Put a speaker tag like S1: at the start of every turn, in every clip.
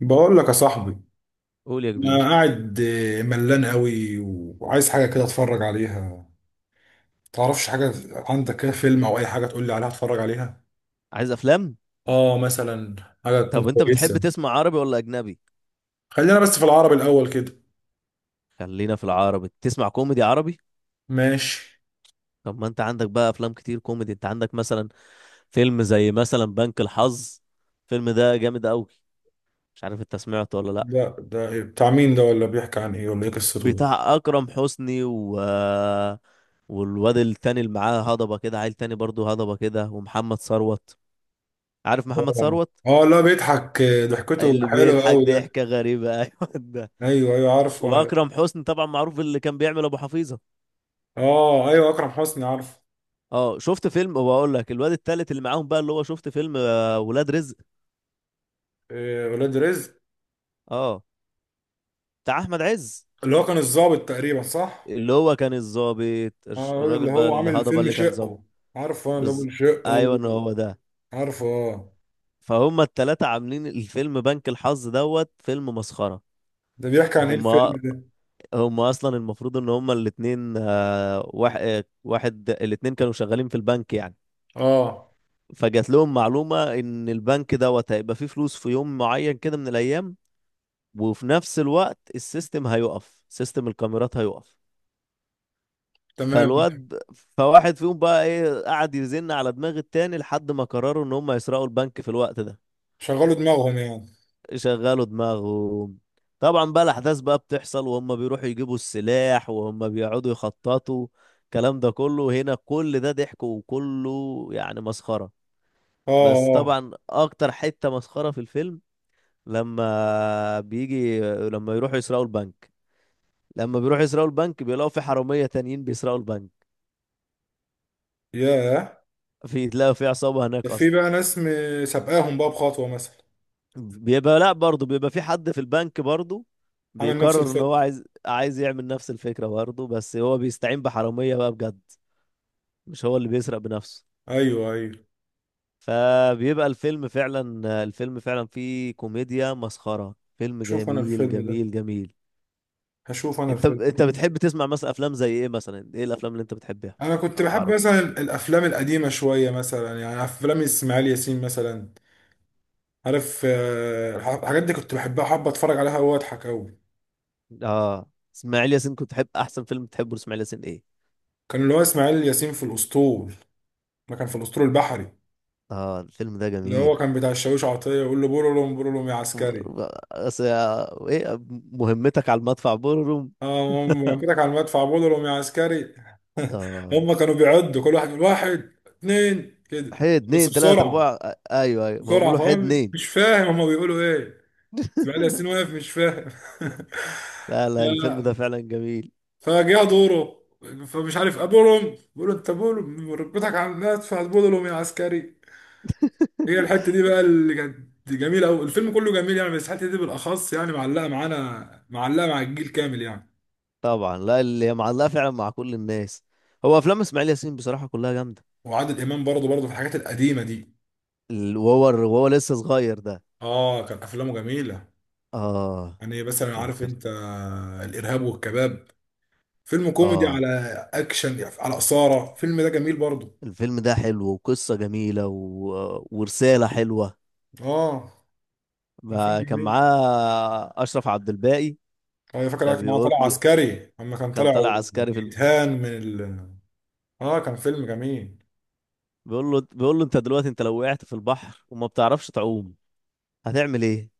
S1: بقول لك يا صاحبي،
S2: قول يا
S1: انا
S2: كبير.
S1: قاعد ملان قوي وعايز حاجه كده اتفرج عليها. تعرفش حاجه؟ عندك كده فيلم او اي حاجه تقول لي عليها اتفرج عليها؟
S2: عايز افلام؟
S1: اه، مثلا حاجه تكون
S2: طب انت بتحب
S1: كويسه.
S2: تسمع عربي ولا اجنبي؟
S1: خلينا بس في العربي الاول كده.
S2: خلينا في العربي، تسمع كوميدي عربي.
S1: ماشي.
S2: طب ما انت عندك بقى افلام كتير كوميدي، انت عندك مثلا فيلم زي مثلا بنك الحظ. الفيلم ده جامد قوي، مش عارف انت سمعته ولا لا.
S1: ده إيه؟ بتاع مين ده؟ ولا بيحكي عن ايه؟ ولا ايه قصته ده؟
S2: بتاع اكرم حسني و والواد التاني اللي معاه هضبه كده، عيل تاني برضه هضبه كده، ومحمد ثروت. عارف محمد
S1: اه.
S2: ثروت؟
S1: لا بيضحك، ضحكته
S2: اللي
S1: حلوه
S2: بيضحك
S1: قوي ده.
S2: ضحكه غريبه ايوه ده.
S1: ايوه ايوه، عارف. وانا
S2: واكرم حسني طبعا معروف اللي كان بيعمل ابو حفيظه.
S1: اه، ايوه اكرم حسني عارف.
S2: اه شفت فيلم، وبقول لك الواد التالت اللي معاهم بقى اللي هو شفت فيلم ولاد رزق.
S1: ولاد رزق.
S2: اه، بتاع احمد عز.
S1: اللي هو كان الضابط تقريبا، صح؟
S2: اللي هو كان الظابط،
S1: اه، الواد
S2: الراجل
S1: اللي
S2: بقى
S1: هو عامل
S2: الهضبه
S1: فيلم
S2: اللي كان ظابط.
S1: شقه. عارفه، انا اللي هو
S2: بز...
S1: بيقول شقه.
S2: ايوه إن هو ده.
S1: عارفه، اه.
S2: فهم التلاتة عاملين الفيلم بنك الحظ دوت، فيلم مسخره.
S1: ده بيحكي عن ايه
S2: هم
S1: الفيلم ده؟
S2: هم اصلا المفروض ان هم الاتنين، آه، واحد آه، واحد الاتنين كانوا شغالين في البنك يعني.
S1: اه،
S2: فجات لهم معلومه ان البنك دوت هيبقى فيه فلوس في يوم معين كده من الايام، وفي نفس الوقت السيستم هيقف، سيستم الكاميرات هيقف.
S1: تمام.
S2: فالواد فواحد فيهم بقى ايه قعد يزن على دماغ التاني لحد ما قرروا ان هم يسرقوا البنك في الوقت ده.
S1: شغلوا دماغهم يعني.
S2: شغلوا دماغهم. طبعا بقى الاحداث بقى بتحصل، وهم بيروحوا يجيبوا السلاح، وهم بيقعدوا يخططوا. الكلام ده كله هنا كل ده ضحك وكله يعني مسخرة.
S1: اه.
S2: بس
S1: اه.
S2: طبعا اكتر حتة مسخرة في الفيلم لما بيجي لما يروحوا يسرقوا البنك، لما بيروحوا يسرقوا البنك بيلاقوا في حرامية تانيين بيسرقوا البنك.
S1: ياه.
S2: في تلاقوا في عصابة
S1: ده
S2: هناك
S1: في
S2: أصلا.
S1: بقى ناس سابقاهم بقى بخطوه مثلا؟
S2: بيبقى لا برضه بيبقى في حد في البنك برضه
S1: عامل نفس
S2: بيقرر إن هو
S1: الخط.
S2: عايز يعمل نفس الفكرة برضه، بس هو بيستعين بحرامية بقى بجد، مش هو اللي بيسرق بنفسه.
S1: ايوه ايوه.
S2: فبيبقى الفيلم فعلا، الفيلم فعلا فيه كوميديا مسخرة، فيلم
S1: شوف انا
S2: جميل
S1: الفيلم ده،
S2: جميل جميل.
S1: هشوف انا
S2: انت
S1: الفيلم.
S2: انت بتحب تسمع مثلا افلام زي ايه؟ مثلا ايه الافلام اللي انت بتحبها؟
S1: انا كنت بحب
S2: عربي.
S1: مثلا الافلام القديمه شويه، مثلا يعني افلام اسماعيل ياسين مثلا. عارف، الحاجات دي كنت بحبها، حابه اتفرج عليها واضحك قوي.
S2: اه. اسماعيل ياسين كنت تحب، احسن فيلم تحبه لاسماعيل ياسين ايه؟
S1: كان اللي هو اسماعيل ياسين في الاسطول. ما كان في الأسطول البحري.
S2: اه الفيلم ده
S1: اللي هو
S2: جميل.
S1: كان بتاع الشاويش عطية يقول له بولولوم بولولوم يا عسكري.
S2: ايه، مهمتك على المدفع بورروم.
S1: اه، هم كده على المدفع بولولوم يا عسكري.
S2: اه
S1: هم كانوا بيعدوا كل واحد يقول واحد اتنين كده.
S2: حي
S1: بس
S2: اتنين تلاتة
S1: بسرعة،
S2: اربعة، ايوه ايوه ما هو
S1: بسرعة
S2: بيقولوا حي
S1: فاهم
S2: اتنين.
S1: مش فاهم هم بيقولوا ايه. بقالي سنين واقف مش فاهم.
S2: لا لا، الفيلم ده
S1: ف-
S2: فعلا جميل.
S1: فجاء دوره، فمش عارف ابولهم، بيقول له انت بولهم ركبتك على المدفع بولهم يا عسكري. هي الحته دي بقى اللي كانت جميله قوي، الفيلم كله جميل يعني، بس الحته دي بالاخص يعني معلقه معانا، معلقه مع الجيل كامل يعني.
S2: طبعا، لا اللي معلقة فعلا مع كل الناس. هو افلام اسماعيل ياسين بصراحة كلها جامدة.
S1: وعادل امام برضه برضه في الحاجات القديمه دي.
S2: وهو لسه صغير ده.
S1: اه، كان افلامه جميله.
S2: اه.
S1: يعني مثلا عارف
S2: تفكرت.
S1: انت، الارهاب والكباب، فيلم كوميدي
S2: اه
S1: على اكشن، على اثاره الفيلم ده جميل برضه.
S2: الفيلم ده حلو وقصة جميلة ورسالة حلوة.
S1: اه، كان فيلم
S2: ما كان
S1: جميل.
S2: معاه أشرف عبد الباقي.
S1: انا فاكر كان هو
S2: فبيقول
S1: طالع
S2: له،
S1: عسكري، اما كان
S2: كان
S1: طالع
S2: طالع عسكري في
S1: بيتهان من اه، كان فيلم جميل.
S2: بيقول له، بيقول له انت دلوقتي انت لو وقعت في البحر وما بتعرفش تعوم، هتعمل ايه؟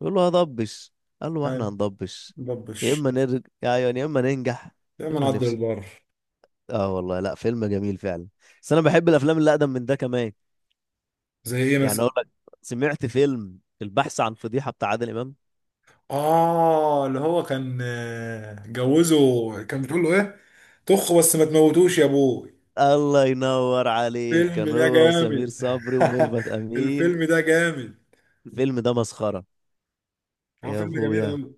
S2: بيقول له هضبش. قال له ما احنا
S1: ايوه.
S2: هنضبش. يا
S1: دبش.
S2: اما نرجع يعني يا اما ننجح يا
S1: دايما
S2: اما
S1: عدل
S2: نفشل.
S1: البر.
S2: اه والله لا فيلم جميل فعلا. بس انا بحب الافلام اللي اقدم من ده كمان.
S1: زي ايه
S2: يعني
S1: مثلا؟
S2: اقول لك، سمعت فيلم البحث عن فضيحة بتاع عادل امام؟
S1: اه، اللي هو كان جوزه، كان بتقول له ايه، طخ بس ما تموتوش يا ابوي.
S2: الله ينور عليك،
S1: الفيلم
S2: كان
S1: ده
S2: هو وسمير
S1: جامد.
S2: صبري وميرفت امين.
S1: الفيلم ده جامد.
S2: الفيلم ده مسخرة
S1: هو
S2: يا
S1: فيلم جميل
S2: ابويا.
S1: قوي.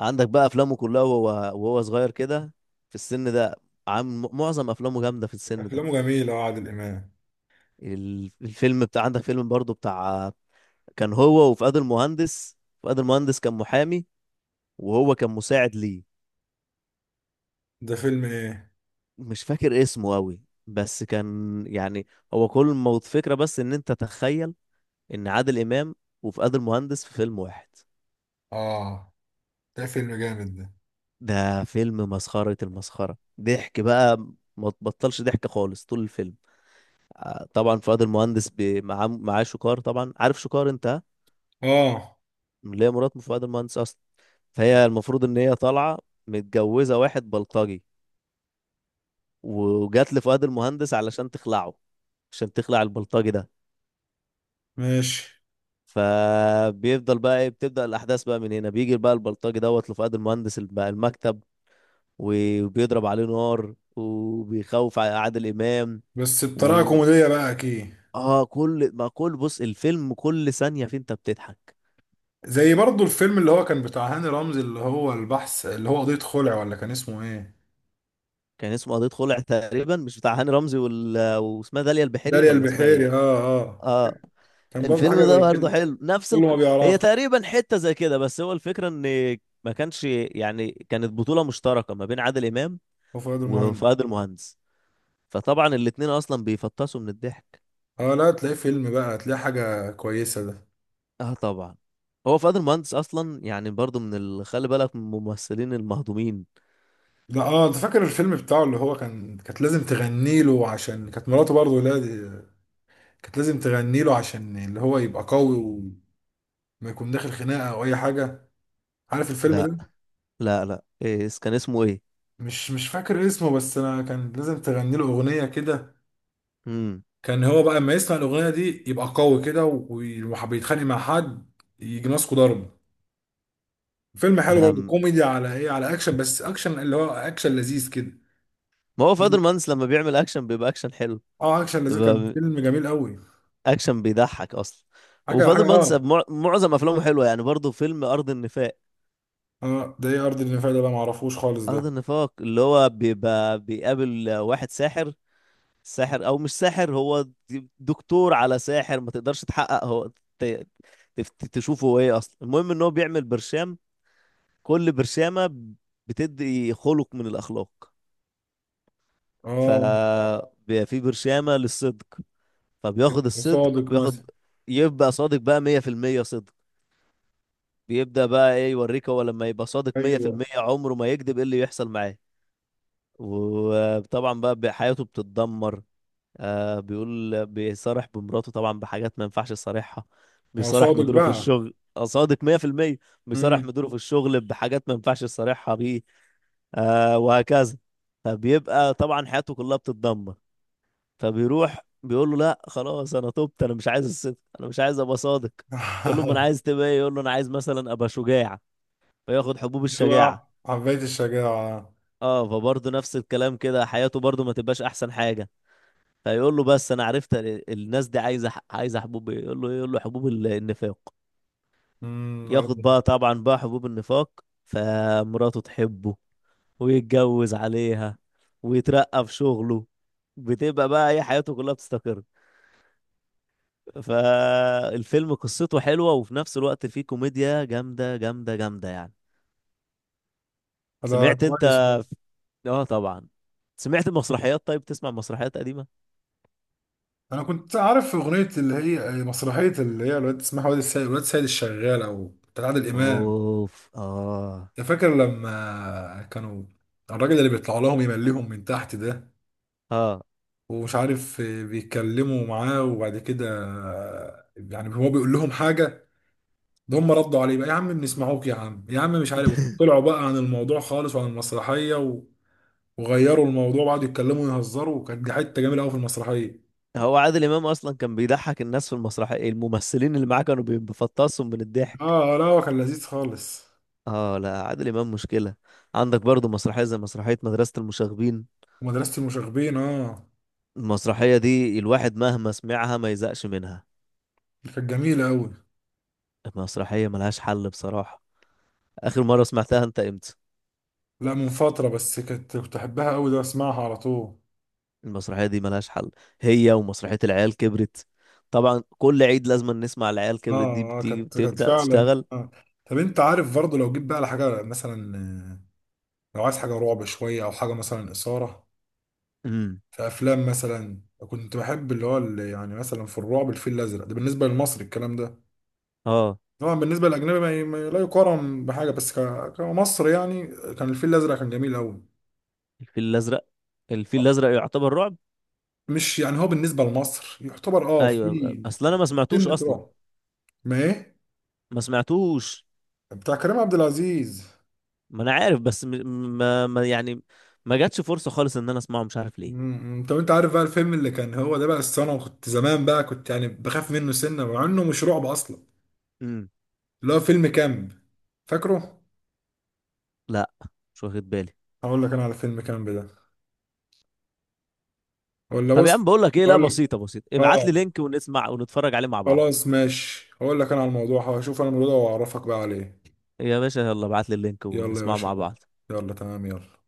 S2: عندك بقى افلامه كلها وهو، صغير كده، في السن ده عامل معظم افلامه جامده في السن ده.
S1: افلامه جميله اه، عادل امام.
S2: الفيلم بتاع، عندك فيلم برضو بتاع، كان هو وفؤاد المهندس. فؤاد المهندس كان محامي، وهو كان مساعد ليه.
S1: ده فيلم ايه؟
S2: مش فاكر اسمه قوي، بس كان يعني، هو كل ما فكرة بس ان انت تخيل ان عادل امام وفؤاد المهندس في فيلم واحد.
S1: اه، ده فيلم جامد ده.
S2: ده فيلم مسخرة المسخرة، ضحك بقى ما تبطلش ضحك خالص طول الفيلم. طبعا فؤاد المهندس معاه شوكار، طبعا عارف شوكار انت ها؟
S1: اه،
S2: اللي هي مرات فؤاد المهندس اصلا. فهي المفروض ان هي طالعه متجوزه واحد بلطجي، وجات لفؤاد المهندس علشان تخلعه، عشان تخلع البلطجي ده.
S1: ماشي.
S2: فبيفضل بقى ايه بتبدأ الأحداث بقى من هنا، بيجي بقى البلطجي دوت لفؤاد المهندس المكتب، وبيضرب عليه نار وبيخوف عادل إمام.
S1: بس بطريقه
S2: و،
S1: كوميديه بقى اكيد.
S2: اه كل ما كل بص الفيلم كل ثانية فيه انت بتضحك.
S1: زي برضو الفيلم اللي هو كان بتاع هاني رمزي، اللي هو البحث، اللي هو قضية خلع، ولا كان اسمه ايه؟
S2: كان اسمه قضية خلع تقريبا، مش بتاع هاني رمزي وال... آه، واسمها داليا البحيري
S1: داليا
S2: ولا اسمها ايه؟
S1: البحيري، اه اه.
S2: اه
S1: كان برضو حاجة
S2: الفيلم ده
S1: زي كده.
S2: برضه حلو نفس
S1: كله ما
S2: هي
S1: بيعرفش.
S2: تقريبا حتة زي كده، بس هو الفكرة ان ما كانش يعني كانت بطولة مشتركة ما بين عادل امام
S1: هو فؤاد المهندس.
S2: وفؤاد المهندس. فطبعا الاتنين اصلا بيفطسوا من الضحك.
S1: اه، لا تلاقيه فيلم بقى هتلاقيه حاجة كويسة ده.
S2: اه طبعا. هو فؤاد المهندس اصلا يعني برضه من خلي بالك من الممثلين المهضومين.
S1: ده اه، انت فاكر الفيلم بتاعه اللي هو كان، كانت لازم تغني له عشان كانت مراته برضه؟ لا، دي كانت لازم تغني له عشان اللي هو يبقى قوي وما يكون داخل خناقة او اي حاجة. عارف الفيلم
S2: لا
S1: ده؟
S2: لا إيه كان اسمه ايه؟
S1: مش فاكر اسمه، بس انا كان لازم تغني له اغنية كده.
S2: امم
S1: كان هو بقى اما يسمع الاغنية دي يبقى قوي كده وبيتخانق مع حد، يجي ماسكه ضرب. فيلم حلو
S2: لا.
S1: برضه،
S2: ما
S1: كوميدي على ايه، على اكشن، بس اكشن اللي هو اكشن لذيذ كده.
S2: هو فؤاد المهندس لما بيعمل اكشن بيبقى اكشن حلو.
S1: اه، اكشن لذيذ، كان فيلم جميل قوي.
S2: اكشن بيضحك اصلا.
S1: حاجه حاجه
S2: وفاضل مهندس
S1: اه.
S2: معظم افلامه حلوه يعني، برضه فيلم ارض النفاق.
S1: اه، ده ايه ارض النفاق ده بقى؟ معرفوش خالص
S2: ارض
S1: ده.
S2: النفاق اللي هو بيبقى بيقابل واحد ساحر، ساحر او مش ساحر، هو دكتور على ساحر، ما تقدرش تحقق هو ت- تشوفه هو ايه اصلا. المهم ان هو بيعمل برشام، كل برشامه بتدي خلق من الاخلاق. ف،
S1: اه.
S2: بيبقى في برشامه للصدق، فبياخد الصدق،
S1: صادق مثلا.
S2: بياخد يبقى صادق بقى 100% صدق، بيبدأ بقى ايه يوريك هو لما يبقى صادق
S1: ايوه،
S2: 100% عمره ما يكذب ايه اللي يحصل معاه. وطبعا بقى حياته بتتدمر. آه بيقول بيصارح بمراته طبعا بحاجات ما ينفعش يصارحها،
S1: ما هو
S2: بيصارح
S1: صادق
S2: مديره في
S1: بقى.
S2: الشغل، صادق 100%. بيصارح
S1: امم.
S2: مديره في الشغل بحاجات ما ينفعش يصارحها بيه. آه وهكذا. فبيبقى طبعا حياته كلها بتتدمر. فبيروح بيقول له لا خلاص انا تبت، انا مش عايز الصدق، انا مش عايز ابقى صادق. يقول له ما انا عايز تبقى ايه؟ يقول له انا عايز مثلا ابقى شجاع. فياخد حبوب
S1: دي
S2: الشجاعة.
S1: بقى حبيت الشجاعه.
S2: اه فبرضه نفس الكلام كده، حياته برضه ما تبقاش احسن حاجة. فيقول له بس انا عرفت الناس دي عايزة عايزة حبوب إيه؟ يقول له إيه؟ يقول له حبوب النفاق.
S1: امم. ارض.
S2: ياخد بقى طبعا بقى حبوب النفاق، فمراته تحبه، ويتجوز عليها، ويترقى في شغله. بتبقى بقى ايه حياته كلها بتستقر. فالفيلم قصته حلوة، وفي نفس الوقت فيه كوميديا جامدة جامدة جامدة يعني.
S1: ده
S2: سمعت انت؟
S1: كويس أوي.
S2: اه طبعا. سمعت مسرحيات؟ طيب تسمع مسرحيات قديمة؟
S1: انا كنت عارف اغنيه اللي هي مسرحيه اللي هي الواد اسمها واد السيد، الواد السيد الشغال، او بتاع عادل امام.
S2: اوف. اه.
S1: أنت فاكر لما كانوا الراجل اللي بيطلع لهم يمليهم من تحت ده؟
S2: اه.
S1: ومش عارف بيتكلموا معاه، وبعد كده يعني هو بيقول لهم حاجة، ده هم ردوا عليه بقى، يا عم بنسمعوك، يا عم، يا عم مش عارف، طلعوا بقى عن الموضوع خالص وعن المسرحية وغيروا الموضوع وقعدوا يتكلموا ويهزروا، وكانت دي حتة جميلة قوي في المسرحية.
S2: هو عادل امام اصلا كان بيضحك الناس في المسرحية، الممثلين اللي معاه كانوا بيفطسهم من الضحك.
S1: اه، لا هو كان لذيذ خالص.
S2: اه لا عادل امام مشكلة. عندك برضو مسرحية زي مسرحية مدرسة المشاغبين.
S1: ومدرسة المشاغبين، اه،
S2: المسرحية دي الواحد مهما سمعها ما يزهقش منها،
S1: كانت جميلة قوي.
S2: المسرحية ملهاش حل بصراحة. اخر مرة سمعتها انت امتى؟
S1: لا، من فترة بس، كنت احبها قوي ده، اسمعها على طول.
S2: المسرحية دي ملهاش حل، هي ومسرحية العيال كبرت. طبعا كل عيد لازم نسمع العيال كبرت، دي
S1: اه اه،
S2: بتيجي
S1: كانت
S2: بتبدأ
S1: فعلا.
S2: تشتغل.
S1: آه. طب انت عارف برضه لو جيت بقى لحاجة مثلا، لو عايز حاجة رعب شوية أو حاجة مثلا إثارة.
S2: امم
S1: في أفلام مثلا كنت بحب اللي هو اللي يعني مثلا في الرعب الفيل الأزرق ده بالنسبة للمصري الكلام ده.
S2: اه.
S1: طبعا بالنسبة للأجنبي ما لا يقارن بحاجة، بس كمصر يعني. كان الفيل الأزرق كان جميل أوي.
S2: الفيل الأزرق، الفيل
S1: آه.
S2: الأزرق يعتبر رعب.
S1: مش يعني هو بالنسبة لمصر يعتبر أه
S2: ايوه
S1: في
S2: اصل انا ما سمعتوش
S1: سنة
S2: اصلا،
S1: رعب، ما إيه،
S2: ما سمعتوش.
S1: بتاع كريم عبد العزيز.
S2: ما انا عارف بس م... ما... ما يعني ما جاتش فرصة خالص ان انا اسمعه مش عارف ليه.
S1: طب انت عارف بقى الفيلم اللي كان هو ده بقى السنة، وكنت زمان بقى كنت يعني بخاف منه سنة مع انه مش رعب اصلا،
S2: امم
S1: اللي هو فيلم كامب. فاكره؟
S2: لا، مش واخد بالي.
S1: هقول لك انا على فيلم كامب ده. ولا
S2: طب يا
S1: بص،
S2: عم بقول لك ايه، لا
S1: هقول لك.
S2: بسيطة بسيطة، ابعت
S1: اه،
S2: لي لينك ونسمع ونتفرج عليه مع بعض.
S1: خلاص ماشي، هقول لك انا على الموضوع، هشوف انا الموضوع ده واعرفك بقى عليه.
S2: يا باشا يلا ابعت لي اللينك
S1: يلا يا
S2: ونسمعه
S1: باشا،
S2: مع بعض.
S1: يلا، تمام، يلا.